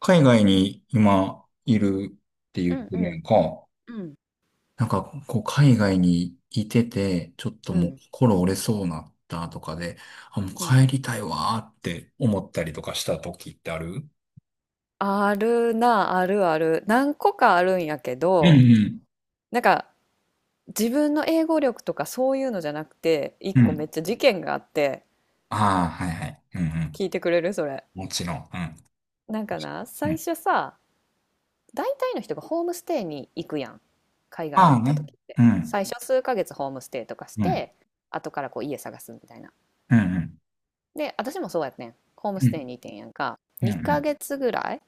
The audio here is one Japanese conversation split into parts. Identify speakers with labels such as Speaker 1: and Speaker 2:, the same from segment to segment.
Speaker 1: 海外に今いるって言
Speaker 2: う
Speaker 1: っ
Speaker 2: ん
Speaker 1: て
Speaker 2: う
Speaker 1: るや
Speaker 2: ん
Speaker 1: んか。
Speaker 2: うん
Speaker 1: なんか、こう、海外にいてて、ちょっと
Speaker 2: う
Speaker 1: もう
Speaker 2: ん
Speaker 1: 心折れそうなったとかで、あ、もう
Speaker 2: うん。
Speaker 1: 帰りたいわーって思ったりとかした時ってある？
Speaker 2: あるな、あるある、何個かあるんやけ
Speaker 1: うんう
Speaker 2: ど、
Speaker 1: ん。
Speaker 2: なんか自分の英語力とかそういうのじゃなくて、一
Speaker 1: う
Speaker 2: 個
Speaker 1: ん。
Speaker 2: めっちゃ事件があって。
Speaker 1: ああ、はいはい。うんうん。
Speaker 2: 聞いてくれるそれ？
Speaker 1: もちろん。うん。
Speaker 2: なんかな、
Speaker 1: う
Speaker 2: 最
Speaker 1: ん。
Speaker 2: 初さ、大体の人がホームステイに行くやん。海外
Speaker 1: ま
Speaker 2: 行っ
Speaker 1: あ
Speaker 2: た
Speaker 1: ね。
Speaker 2: 時って
Speaker 1: うん。
Speaker 2: 最初数ヶ月ホームステイとかし
Speaker 1: うん。
Speaker 2: て、後からこう家探すみたいな。
Speaker 1: うんうん。
Speaker 2: で、私もそうやってん、ホーム
Speaker 1: う
Speaker 2: ステイ
Speaker 1: ん。
Speaker 2: にいてんやんか
Speaker 1: うんう
Speaker 2: 2
Speaker 1: ん。
Speaker 2: ヶ月ぐらい。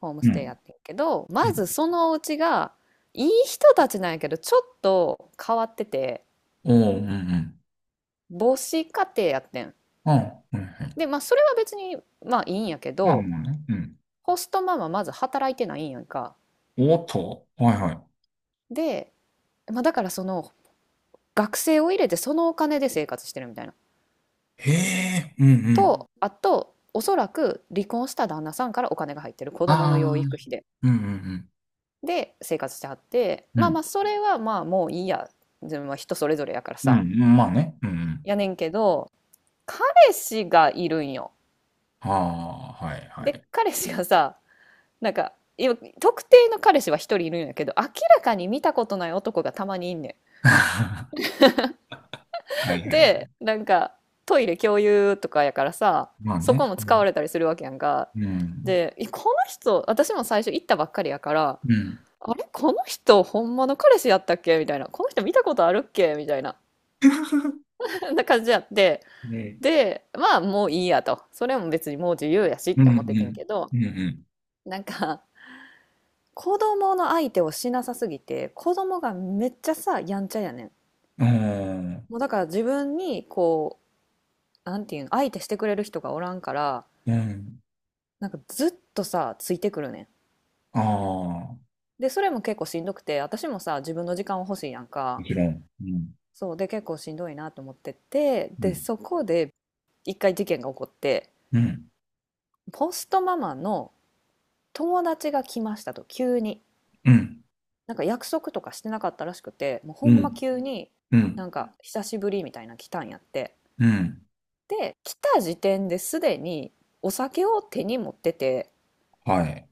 Speaker 2: ホーム
Speaker 1: う
Speaker 2: ステイや
Speaker 1: ん。
Speaker 2: ってるけど、
Speaker 1: う
Speaker 2: ま
Speaker 1: ん。
Speaker 2: ずそのお家が、いい人たちなんやけど、ちょっと変わってて、
Speaker 1: おーうんうん。
Speaker 2: 母子家庭やってん。
Speaker 1: ああ、はいはい。
Speaker 2: で、まあ、それは別に、まあ、いいんやけ
Speaker 1: まあ
Speaker 2: ど、
Speaker 1: まあね。うん。
Speaker 2: ホストママまず働いてないんやんか。
Speaker 1: おーっと。はいはい。
Speaker 2: で、まあ、だからその、学生を入れてそのお金で生活してるみたいな。
Speaker 1: へえ、うんうん。
Speaker 2: と、あと、おそらく離婚した旦那さんからお金が入ってる子供の
Speaker 1: ああ、う
Speaker 2: 養育
Speaker 1: ん、
Speaker 2: 費で。
Speaker 1: うん、
Speaker 2: で、生活してはって、
Speaker 1: う
Speaker 2: まあま
Speaker 1: ん。
Speaker 2: あ、それはまあもういいや。自分は人それぞれやから
Speaker 1: うん、う
Speaker 2: さ。
Speaker 1: ん、まあね。うん、うん。
Speaker 2: やねんけど、彼氏がいるんよ。
Speaker 1: ああ、はい、は
Speaker 2: で、
Speaker 1: い。
Speaker 2: 彼氏がさ、なんか、今特定の彼氏は一人いるんやけど、明らかに見たことない男がたまにいんね
Speaker 1: はい
Speaker 2: ん。
Speaker 1: はい。
Speaker 2: で、なんか、トイレ共有とかやからさ、
Speaker 1: まあ
Speaker 2: そこ
Speaker 1: ね。
Speaker 2: も
Speaker 1: う
Speaker 2: 使わ
Speaker 1: ん。
Speaker 2: れたりするわけやんか。
Speaker 1: うん。
Speaker 2: で、えこの人、私も最初行ったばっかりやから、
Speaker 1: うん
Speaker 2: あれこの人、ほんまの彼氏やったっけみたいな。この人見たことあるっけみたいな。な感じやって。
Speaker 1: ね。
Speaker 2: で、まあもういいやと。それも別にもう自由やしっ
Speaker 1: うん、
Speaker 2: て
Speaker 1: う
Speaker 2: 思っててん
Speaker 1: ん。
Speaker 2: けど、
Speaker 1: うん、うん。
Speaker 2: なんか、子供の相手をしなさすぎて、子供がめっちゃさ、やんちゃやねん。
Speaker 1: あー
Speaker 2: もうだから自分に、こう、なんていうの、相手してくれる人がおらんから、
Speaker 1: うん。
Speaker 2: なんかずっとさ、ついてくるね
Speaker 1: ああ、も
Speaker 2: ん。で、それも結構しんどくて、私もさ、自分の時間を欲しいやんか。
Speaker 1: ちろん。うん。
Speaker 2: そう、で、結構しんどいなと思ってて、
Speaker 1: う
Speaker 2: で、
Speaker 1: ん。
Speaker 2: そこで一回事件が起こって、
Speaker 1: うん。
Speaker 2: ポストママの友達が来ましたと、急に。
Speaker 1: うん。
Speaker 2: なんか約束とかしてなかったらしくて、もうほ
Speaker 1: う
Speaker 2: んま
Speaker 1: ん。
Speaker 2: 急に、
Speaker 1: うん。
Speaker 2: なんか久しぶりみたいな来たんやって。
Speaker 1: うん。
Speaker 2: で、来た時点ですでにお酒を手に持ってて、
Speaker 1: はい。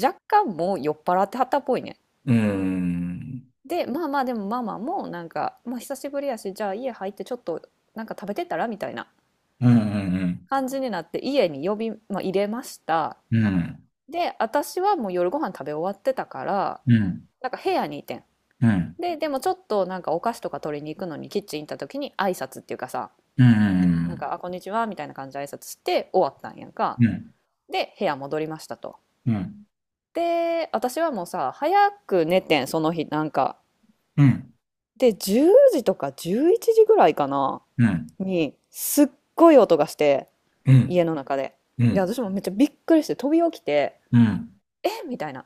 Speaker 2: 若干もう酔っ払ってはったっぽいね。
Speaker 1: うん。
Speaker 2: で、まあまあでもママもなんか、まあ久しぶりやし、じゃあ家入ってちょっとなんか食べてたらみたいな
Speaker 1: うん。うん。
Speaker 2: 感じになって家に呼び、まあ、入れました。
Speaker 1: うん。
Speaker 2: で、私はもう夜ご飯食べ終わってたから、
Speaker 1: うん。うん。
Speaker 2: なんか部屋にいてん。
Speaker 1: うん。
Speaker 2: で、でもちょっとなんかお菓子とか取りに行くのにキッチン行った時に挨拶っていうかさ、
Speaker 1: う
Speaker 2: なん
Speaker 1: ん。
Speaker 2: か、あ、こんにちはみたいな感じで挨拶して終わったんやんか。で、部屋戻りましたと。
Speaker 1: うん。うん。
Speaker 2: で、私はもうさ、早く寝てん、その日、なんか。
Speaker 1: うん。うん。
Speaker 2: で、10時とか11時ぐらいかな、
Speaker 1: うん。
Speaker 2: に、すっごい音がして、
Speaker 1: うん、
Speaker 2: 家の中で。
Speaker 1: う
Speaker 2: で、
Speaker 1: ん、
Speaker 2: 私もめっちゃびっくりして飛び起きて、
Speaker 1: うん、
Speaker 2: えみたいな。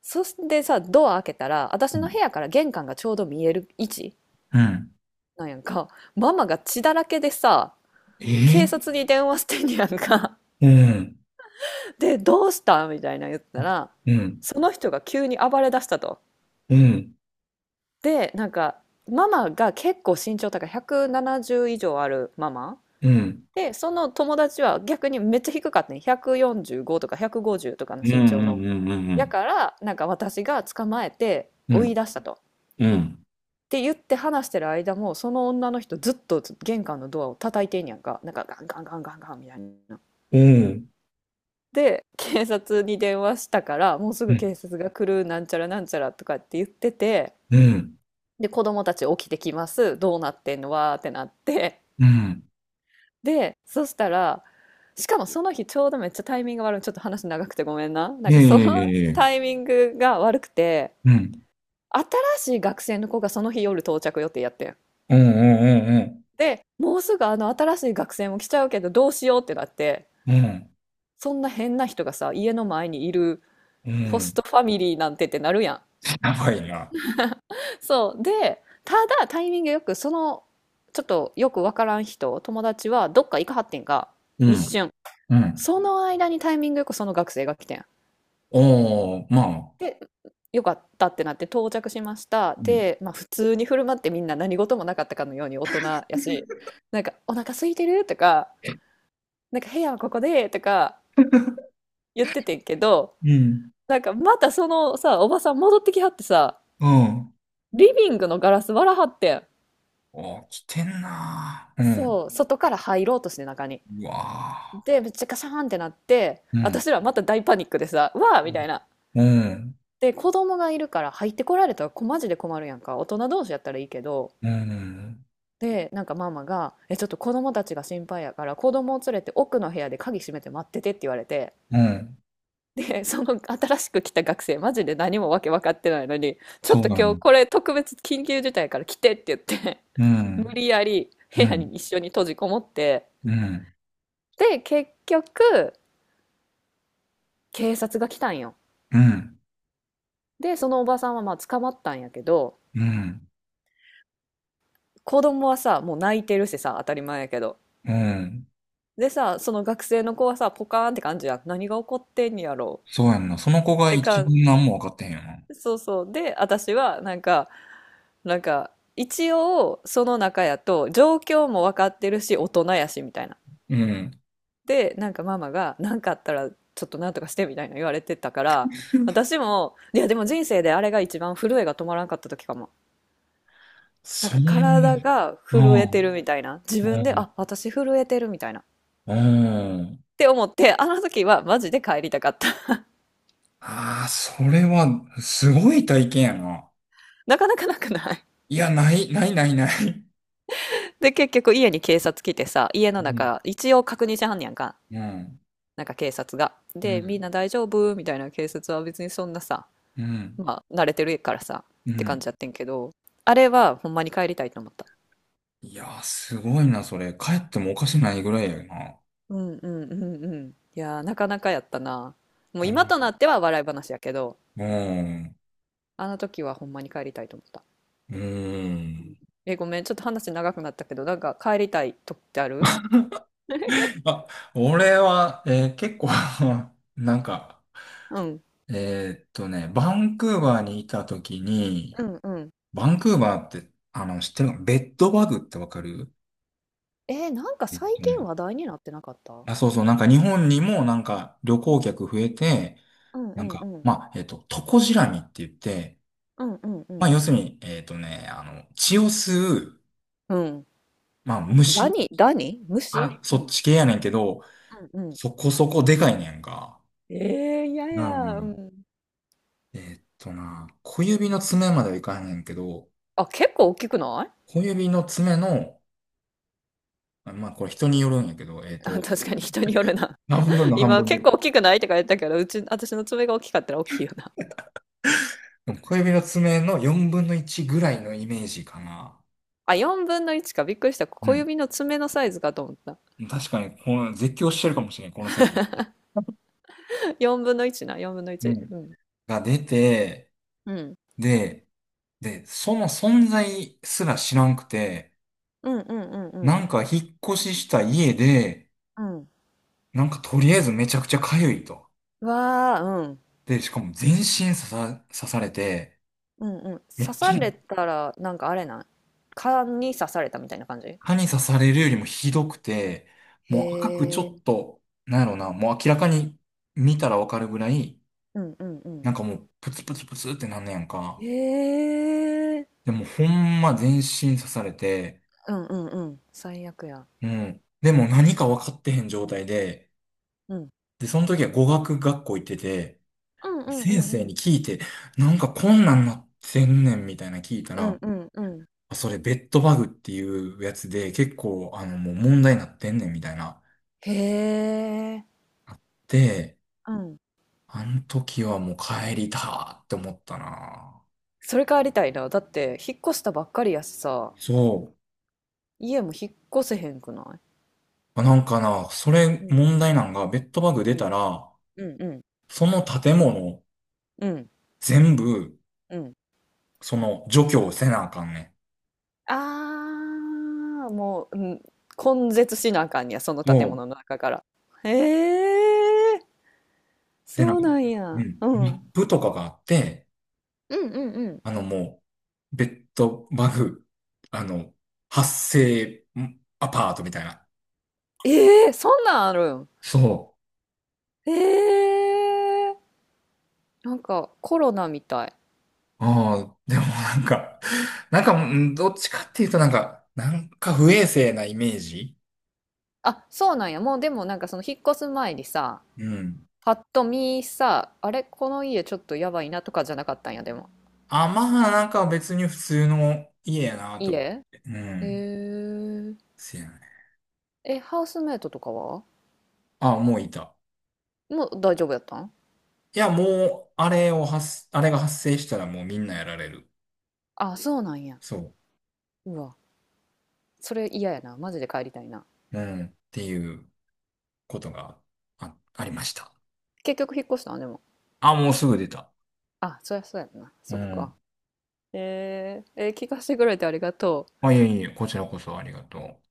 Speaker 2: そしてさ、ドア開けたら、私
Speaker 1: う
Speaker 2: の部
Speaker 1: ん、
Speaker 2: 屋から玄関がちょうど見える位置
Speaker 1: うん。
Speaker 2: なんやんか。ママが血だらけでさ、
Speaker 1: え
Speaker 2: 警
Speaker 1: ー
Speaker 2: 察に電話してんやんか。
Speaker 1: うん、
Speaker 2: で、どうしたみたいな言ったら、
Speaker 1: うん、
Speaker 2: その人が急に暴れ出したと。
Speaker 1: うん、
Speaker 2: でなんかママが結構身長高い170以上あるママ
Speaker 1: うん、
Speaker 2: で、その友達は逆にめっちゃ低かったね、145とか150とかの
Speaker 1: うん
Speaker 2: 身長
Speaker 1: う
Speaker 2: の
Speaker 1: んう
Speaker 2: や
Speaker 1: ん
Speaker 2: からなんか私が捕まえて
Speaker 1: うんう
Speaker 2: 追い
Speaker 1: ん、
Speaker 2: 出したと。
Speaker 1: うん。うん。
Speaker 2: って言って話してる間もその女の人ずっと玄関のドアを叩いてんやんか、なんかガンガンガンガンガンみたいな。
Speaker 1: うん、
Speaker 2: で警察に電話したからもうす
Speaker 1: う
Speaker 2: ぐ警
Speaker 1: ん、
Speaker 2: 察が来るなんちゃらなんちゃらとかって言ってて、
Speaker 1: うん、
Speaker 2: で子供たち起きてきます、どうなってんのわーってなって、
Speaker 1: うん、
Speaker 2: で、そしたら、しかもその日ちょうどめっちゃタイミング悪い。ちょっと話長くてごめんな。なん
Speaker 1: い
Speaker 2: か
Speaker 1: え
Speaker 2: そ
Speaker 1: いえい
Speaker 2: の
Speaker 1: えいえ。
Speaker 2: タイミングが悪くて、
Speaker 1: うん、
Speaker 2: 新しい学生の子がその日夜到着予定やってん。
Speaker 1: うん、うん、うん、
Speaker 2: で、もうすぐあの新しい学生も来ちゃうけどどうしようってなって、
Speaker 1: うん、うん、
Speaker 2: そんな変な人がさ、家の前にいる
Speaker 1: う
Speaker 2: ホス
Speaker 1: ん。
Speaker 2: トファミリーなんてってなるやん。
Speaker 1: やばいな。
Speaker 2: そう。で、ただタイミングよくその、ちょっとよくわからん人、友達はどっか行かはってんか
Speaker 1: う
Speaker 2: 一
Speaker 1: ん。
Speaker 2: 瞬。
Speaker 1: うん。
Speaker 2: その間にタイミングよくその学生が来てん。
Speaker 1: おー、まあ。
Speaker 2: で、よかったってなって到着しました。
Speaker 1: うん、
Speaker 2: で、まあ普通に振る舞って、みんな何事もなかったかのように大人やし、なんかお腹空いてるとか、なんか部屋はここでとか言っててんけど、
Speaker 1: うん、
Speaker 2: なんかまたそのさ、おばさん戻ってきはってさ、
Speaker 1: うん、
Speaker 2: リビングのガラス割らはってん。
Speaker 1: おー、来てんなーうん、
Speaker 2: そう、外から入ろうとして中に。
Speaker 1: うわ
Speaker 2: で、めっちゃカシャーンってなって、
Speaker 1: ーうん、
Speaker 2: 私らまた大パニックでさ、わーみたいな。
Speaker 1: うん、
Speaker 2: で、子供がいるから入ってこられたらこマジで困るやんか。大人同士やったらいいけど、
Speaker 1: うん。
Speaker 2: で、なんかママが、え、ちょっと子供たちが心配やから、子供を連れて奥の部屋で鍵閉めて待っててって言われて、
Speaker 1: うん。
Speaker 2: で、その新しく来た学生、マジで何もわけ分かってないのに、ちょっ
Speaker 1: そう
Speaker 2: と
Speaker 1: な
Speaker 2: 今日
Speaker 1: の。
Speaker 2: これ特別緊急事態やから来てって言って
Speaker 1: う
Speaker 2: 無
Speaker 1: ん。
Speaker 2: 理やり部
Speaker 1: う
Speaker 2: 屋
Speaker 1: ん。
Speaker 2: に一緒に閉じこもって、
Speaker 1: うん。
Speaker 2: で、結局、警察が来たんよ。
Speaker 1: うん。
Speaker 2: で、そのおばさんはまあ捕まったんやけど、
Speaker 1: うん。
Speaker 2: 子供はさ、もう泣いてるしさ、当たり前やけど。
Speaker 1: うん。
Speaker 2: でさ、その学生の子はさ、ポカーンって感じや、何が起こってんやろ
Speaker 1: そうやんな。その子
Speaker 2: う。っ
Speaker 1: が
Speaker 2: て
Speaker 1: 一
Speaker 2: か、
Speaker 1: 番何も分かってへんよな。
Speaker 2: そうそう。で、私は、なんか、なんか、一応、その中やと、状況も分かってるし、大人やし、みたいな。
Speaker 1: うん。
Speaker 2: で、なんかママが、なんかあったら、ちょっとなんとかして、みたいな言われてたから、私も、いや、でも人生であれが一番震えが止まらんかった時かも。なん
Speaker 1: そ
Speaker 2: か
Speaker 1: ん
Speaker 2: 体が
Speaker 1: な。
Speaker 2: 震え
Speaker 1: う
Speaker 2: て
Speaker 1: ん。
Speaker 2: るみたいな。自分で、
Speaker 1: うん。
Speaker 2: あ、私震えてるみたいな。っ
Speaker 1: うん。
Speaker 2: て思って、あの時はマジで帰りたかった。
Speaker 1: ああ、それは、すごい体験やな。
Speaker 2: なかなかなくない？
Speaker 1: いや、ない、ない、ない、ない。
Speaker 2: で、結局家に警察来てさ、家の
Speaker 1: うん。
Speaker 2: 中、一応確認しはんねやんか。
Speaker 1: うん。
Speaker 2: なんか警察が。
Speaker 1: う
Speaker 2: で、みん
Speaker 1: ん。
Speaker 2: な大丈夫みたいな、警察は別にそんなさ、
Speaker 1: うん。
Speaker 2: まあ慣れてるからさ、
Speaker 1: う
Speaker 2: って感
Speaker 1: ん。
Speaker 2: じやってんけど、あれはほんまに帰りたいと思った。
Speaker 1: いやー、すごいな、それ。帰ってもおかしないぐらいやな。
Speaker 2: うんうんうんうん。いやー、なかなかやったな。もう今となっては笑い話やけど、
Speaker 1: うん。うん。
Speaker 2: あの時はほんまに帰りたいと思った。
Speaker 1: う
Speaker 2: うん。
Speaker 1: ん。
Speaker 2: え、ごめん、ちょっと話長くなったけど、なんか帰りたい時ってある？
Speaker 1: あ、俺は、結構 なんか、
Speaker 2: うん。
Speaker 1: バンクーバーにいた時に、
Speaker 2: うんうん。
Speaker 1: バンクーバーって、知ってるのベッドバグってわかる？
Speaker 2: えー、なんか
Speaker 1: えっ
Speaker 2: 最
Speaker 1: と
Speaker 2: 近
Speaker 1: ね、
Speaker 2: 話題になってなかった？う
Speaker 1: あ、そうそう、なんか日本にもなんか旅行客増えて、
Speaker 2: んう
Speaker 1: なん
Speaker 2: んう
Speaker 1: か、
Speaker 2: ん。
Speaker 1: まあ、トコジラミって言って、
Speaker 2: うんうんう
Speaker 1: まあ、
Speaker 2: ん。
Speaker 1: 要するに、血を吸う、
Speaker 2: うん。
Speaker 1: まあ、
Speaker 2: ダ
Speaker 1: 虫。
Speaker 2: ニダニ虫、
Speaker 1: あ、
Speaker 2: う
Speaker 1: そっ
Speaker 2: ん。
Speaker 1: ち系やねんけど、
Speaker 2: うんうん。
Speaker 1: そこそこでかいねんか。
Speaker 2: ええ、いやい
Speaker 1: なるほど。う
Speaker 2: や。う
Speaker 1: ん。
Speaker 2: ん。
Speaker 1: えーっとな、小
Speaker 2: う
Speaker 1: 指
Speaker 2: ん。
Speaker 1: の爪まではいかへんねんけど、
Speaker 2: あ、結構大きくない？
Speaker 1: 小指の爪の、あ、まあこれ人によるんやけど、
Speaker 2: あ、確かに人によるな。
Speaker 1: 半分 の半
Speaker 2: 今
Speaker 1: 分ぐ
Speaker 2: 結
Speaker 1: らい。
Speaker 2: 構大きくないとか言ったけど、うち、私の爪が大きかったら大きいよな。
Speaker 1: うん。小指の爪の4分の1ぐらいのイメージかな。
Speaker 2: あ、4分の1か。びっくりした。
Speaker 1: う
Speaker 2: 小
Speaker 1: ん。
Speaker 2: 指の爪のサイズかと思った。
Speaker 1: 確かに、この絶叫してるかもしれないこのサイズ。
Speaker 2: 4分の1な、4分の
Speaker 1: う
Speaker 2: 1。
Speaker 1: ん。
Speaker 2: うん。
Speaker 1: が出て、
Speaker 2: うん。
Speaker 1: で、その存在すら知らんくて、
Speaker 2: うんうんうん
Speaker 1: なんか引っ越しした家で、
Speaker 2: うん。うん。
Speaker 1: なんかとりあえずめちゃくちゃ痒いと。
Speaker 2: わあ、うん。
Speaker 1: で、しかも全身刺されて、
Speaker 2: うんうん。
Speaker 1: め
Speaker 2: 刺
Speaker 1: っち
Speaker 2: さ
Speaker 1: ゃ
Speaker 2: れたら、なんかあれない？蚊に刺されたみたいな感じ？
Speaker 1: 蚊に刺されるよりもひどくて、もう赤くちょ
Speaker 2: へ
Speaker 1: っ
Speaker 2: え。
Speaker 1: と、なんやろな、もう明らかに見たらわかるぐらい、
Speaker 2: うんうんうん。
Speaker 1: なんかもうプツプツプツってなんねやんか。
Speaker 2: へえ。
Speaker 1: でもほんま全身刺されて、
Speaker 2: うんうんうん。最悪や。
Speaker 1: うん。でも何か分かってへん状態で、
Speaker 2: うん。
Speaker 1: で、その時は語学学校行ってて、
Speaker 2: うんうんう
Speaker 1: 先
Speaker 2: ん
Speaker 1: 生
Speaker 2: うん。
Speaker 1: に聞いて、なんかこんなんなってんねんみたいな聞いた
Speaker 2: う
Speaker 1: ら、
Speaker 2: んうんうん。
Speaker 1: あ、それベッドバグっていうやつで結構もう問題になってんねんみたいな。
Speaker 2: へえ。
Speaker 1: で、
Speaker 2: うん。
Speaker 1: あの時はもう帰りたって思ったな。
Speaker 2: それ帰りたいな。だって、引っ越したばっかりやしさ、
Speaker 1: そ
Speaker 2: 家も引っ越せへんくない？
Speaker 1: う。なんかな、それ
Speaker 2: うん。
Speaker 1: 問題なんが、ベッドバグ出
Speaker 2: うん。
Speaker 1: たら、
Speaker 2: うんうん
Speaker 1: その建物
Speaker 2: うん
Speaker 1: 全部、
Speaker 2: うん。
Speaker 1: その除去せなあかんねん。
Speaker 2: ああ、もう、うん。根絶しなあかんねや、その建
Speaker 1: そう。
Speaker 2: 物の中から。へえ、
Speaker 1: で、なん
Speaker 2: そう
Speaker 1: か、
Speaker 2: なん
Speaker 1: う
Speaker 2: や。
Speaker 1: ん。
Speaker 2: う
Speaker 1: マッ
Speaker 2: ん。
Speaker 1: プとかがあって、
Speaker 2: うんうんうん。
Speaker 1: もう、ベッドバグ、あの、発生アパートみたいな。
Speaker 2: ええ、そんなんあるん？
Speaker 1: そ
Speaker 2: ええ、なんかコロナみたい。
Speaker 1: う。ああ、でもなんか、なんか、うん、どっちかっていうとなんか、なんか不衛生なイメージ。
Speaker 2: あ、そうなんや。もうでもなんかその引っ越す前にさ、
Speaker 1: うん。
Speaker 2: パッと見さ、あれ、この家ちょっとやばいなとかじゃなかったんや、でも。
Speaker 1: あ、まあ、なんか別に普通の家やな
Speaker 2: 家、
Speaker 1: と思っ
Speaker 2: へ
Speaker 1: て。うん。
Speaker 2: え。
Speaker 1: せやね。
Speaker 2: え、ハウスメイトとかは？
Speaker 1: あ、もういた。
Speaker 2: もう大丈夫やったん？
Speaker 1: いや、もう、あれを発、あれが発生したらもうみんなやられる。
Speaker 2: あ、そうなんや。
Speaker 1: そ
Speaker 2: うわ、それ嫌やな。マジで帰りたいな。
Speaker 1: う。うん。っていうことがありました。
Speaker 2: 結局引っ越したんでも？
Speaker 1: あ、もうすぐ出た。
Speaker 2: あ、そりゃそうやんな。
Speaker 1: う
Speaker 2: そっか。
Speaker 1: ん。
Speaker 2: 聞かせてくれてありがとう。
Speaker 1: あ、いえいえ、こちらこそありがとう。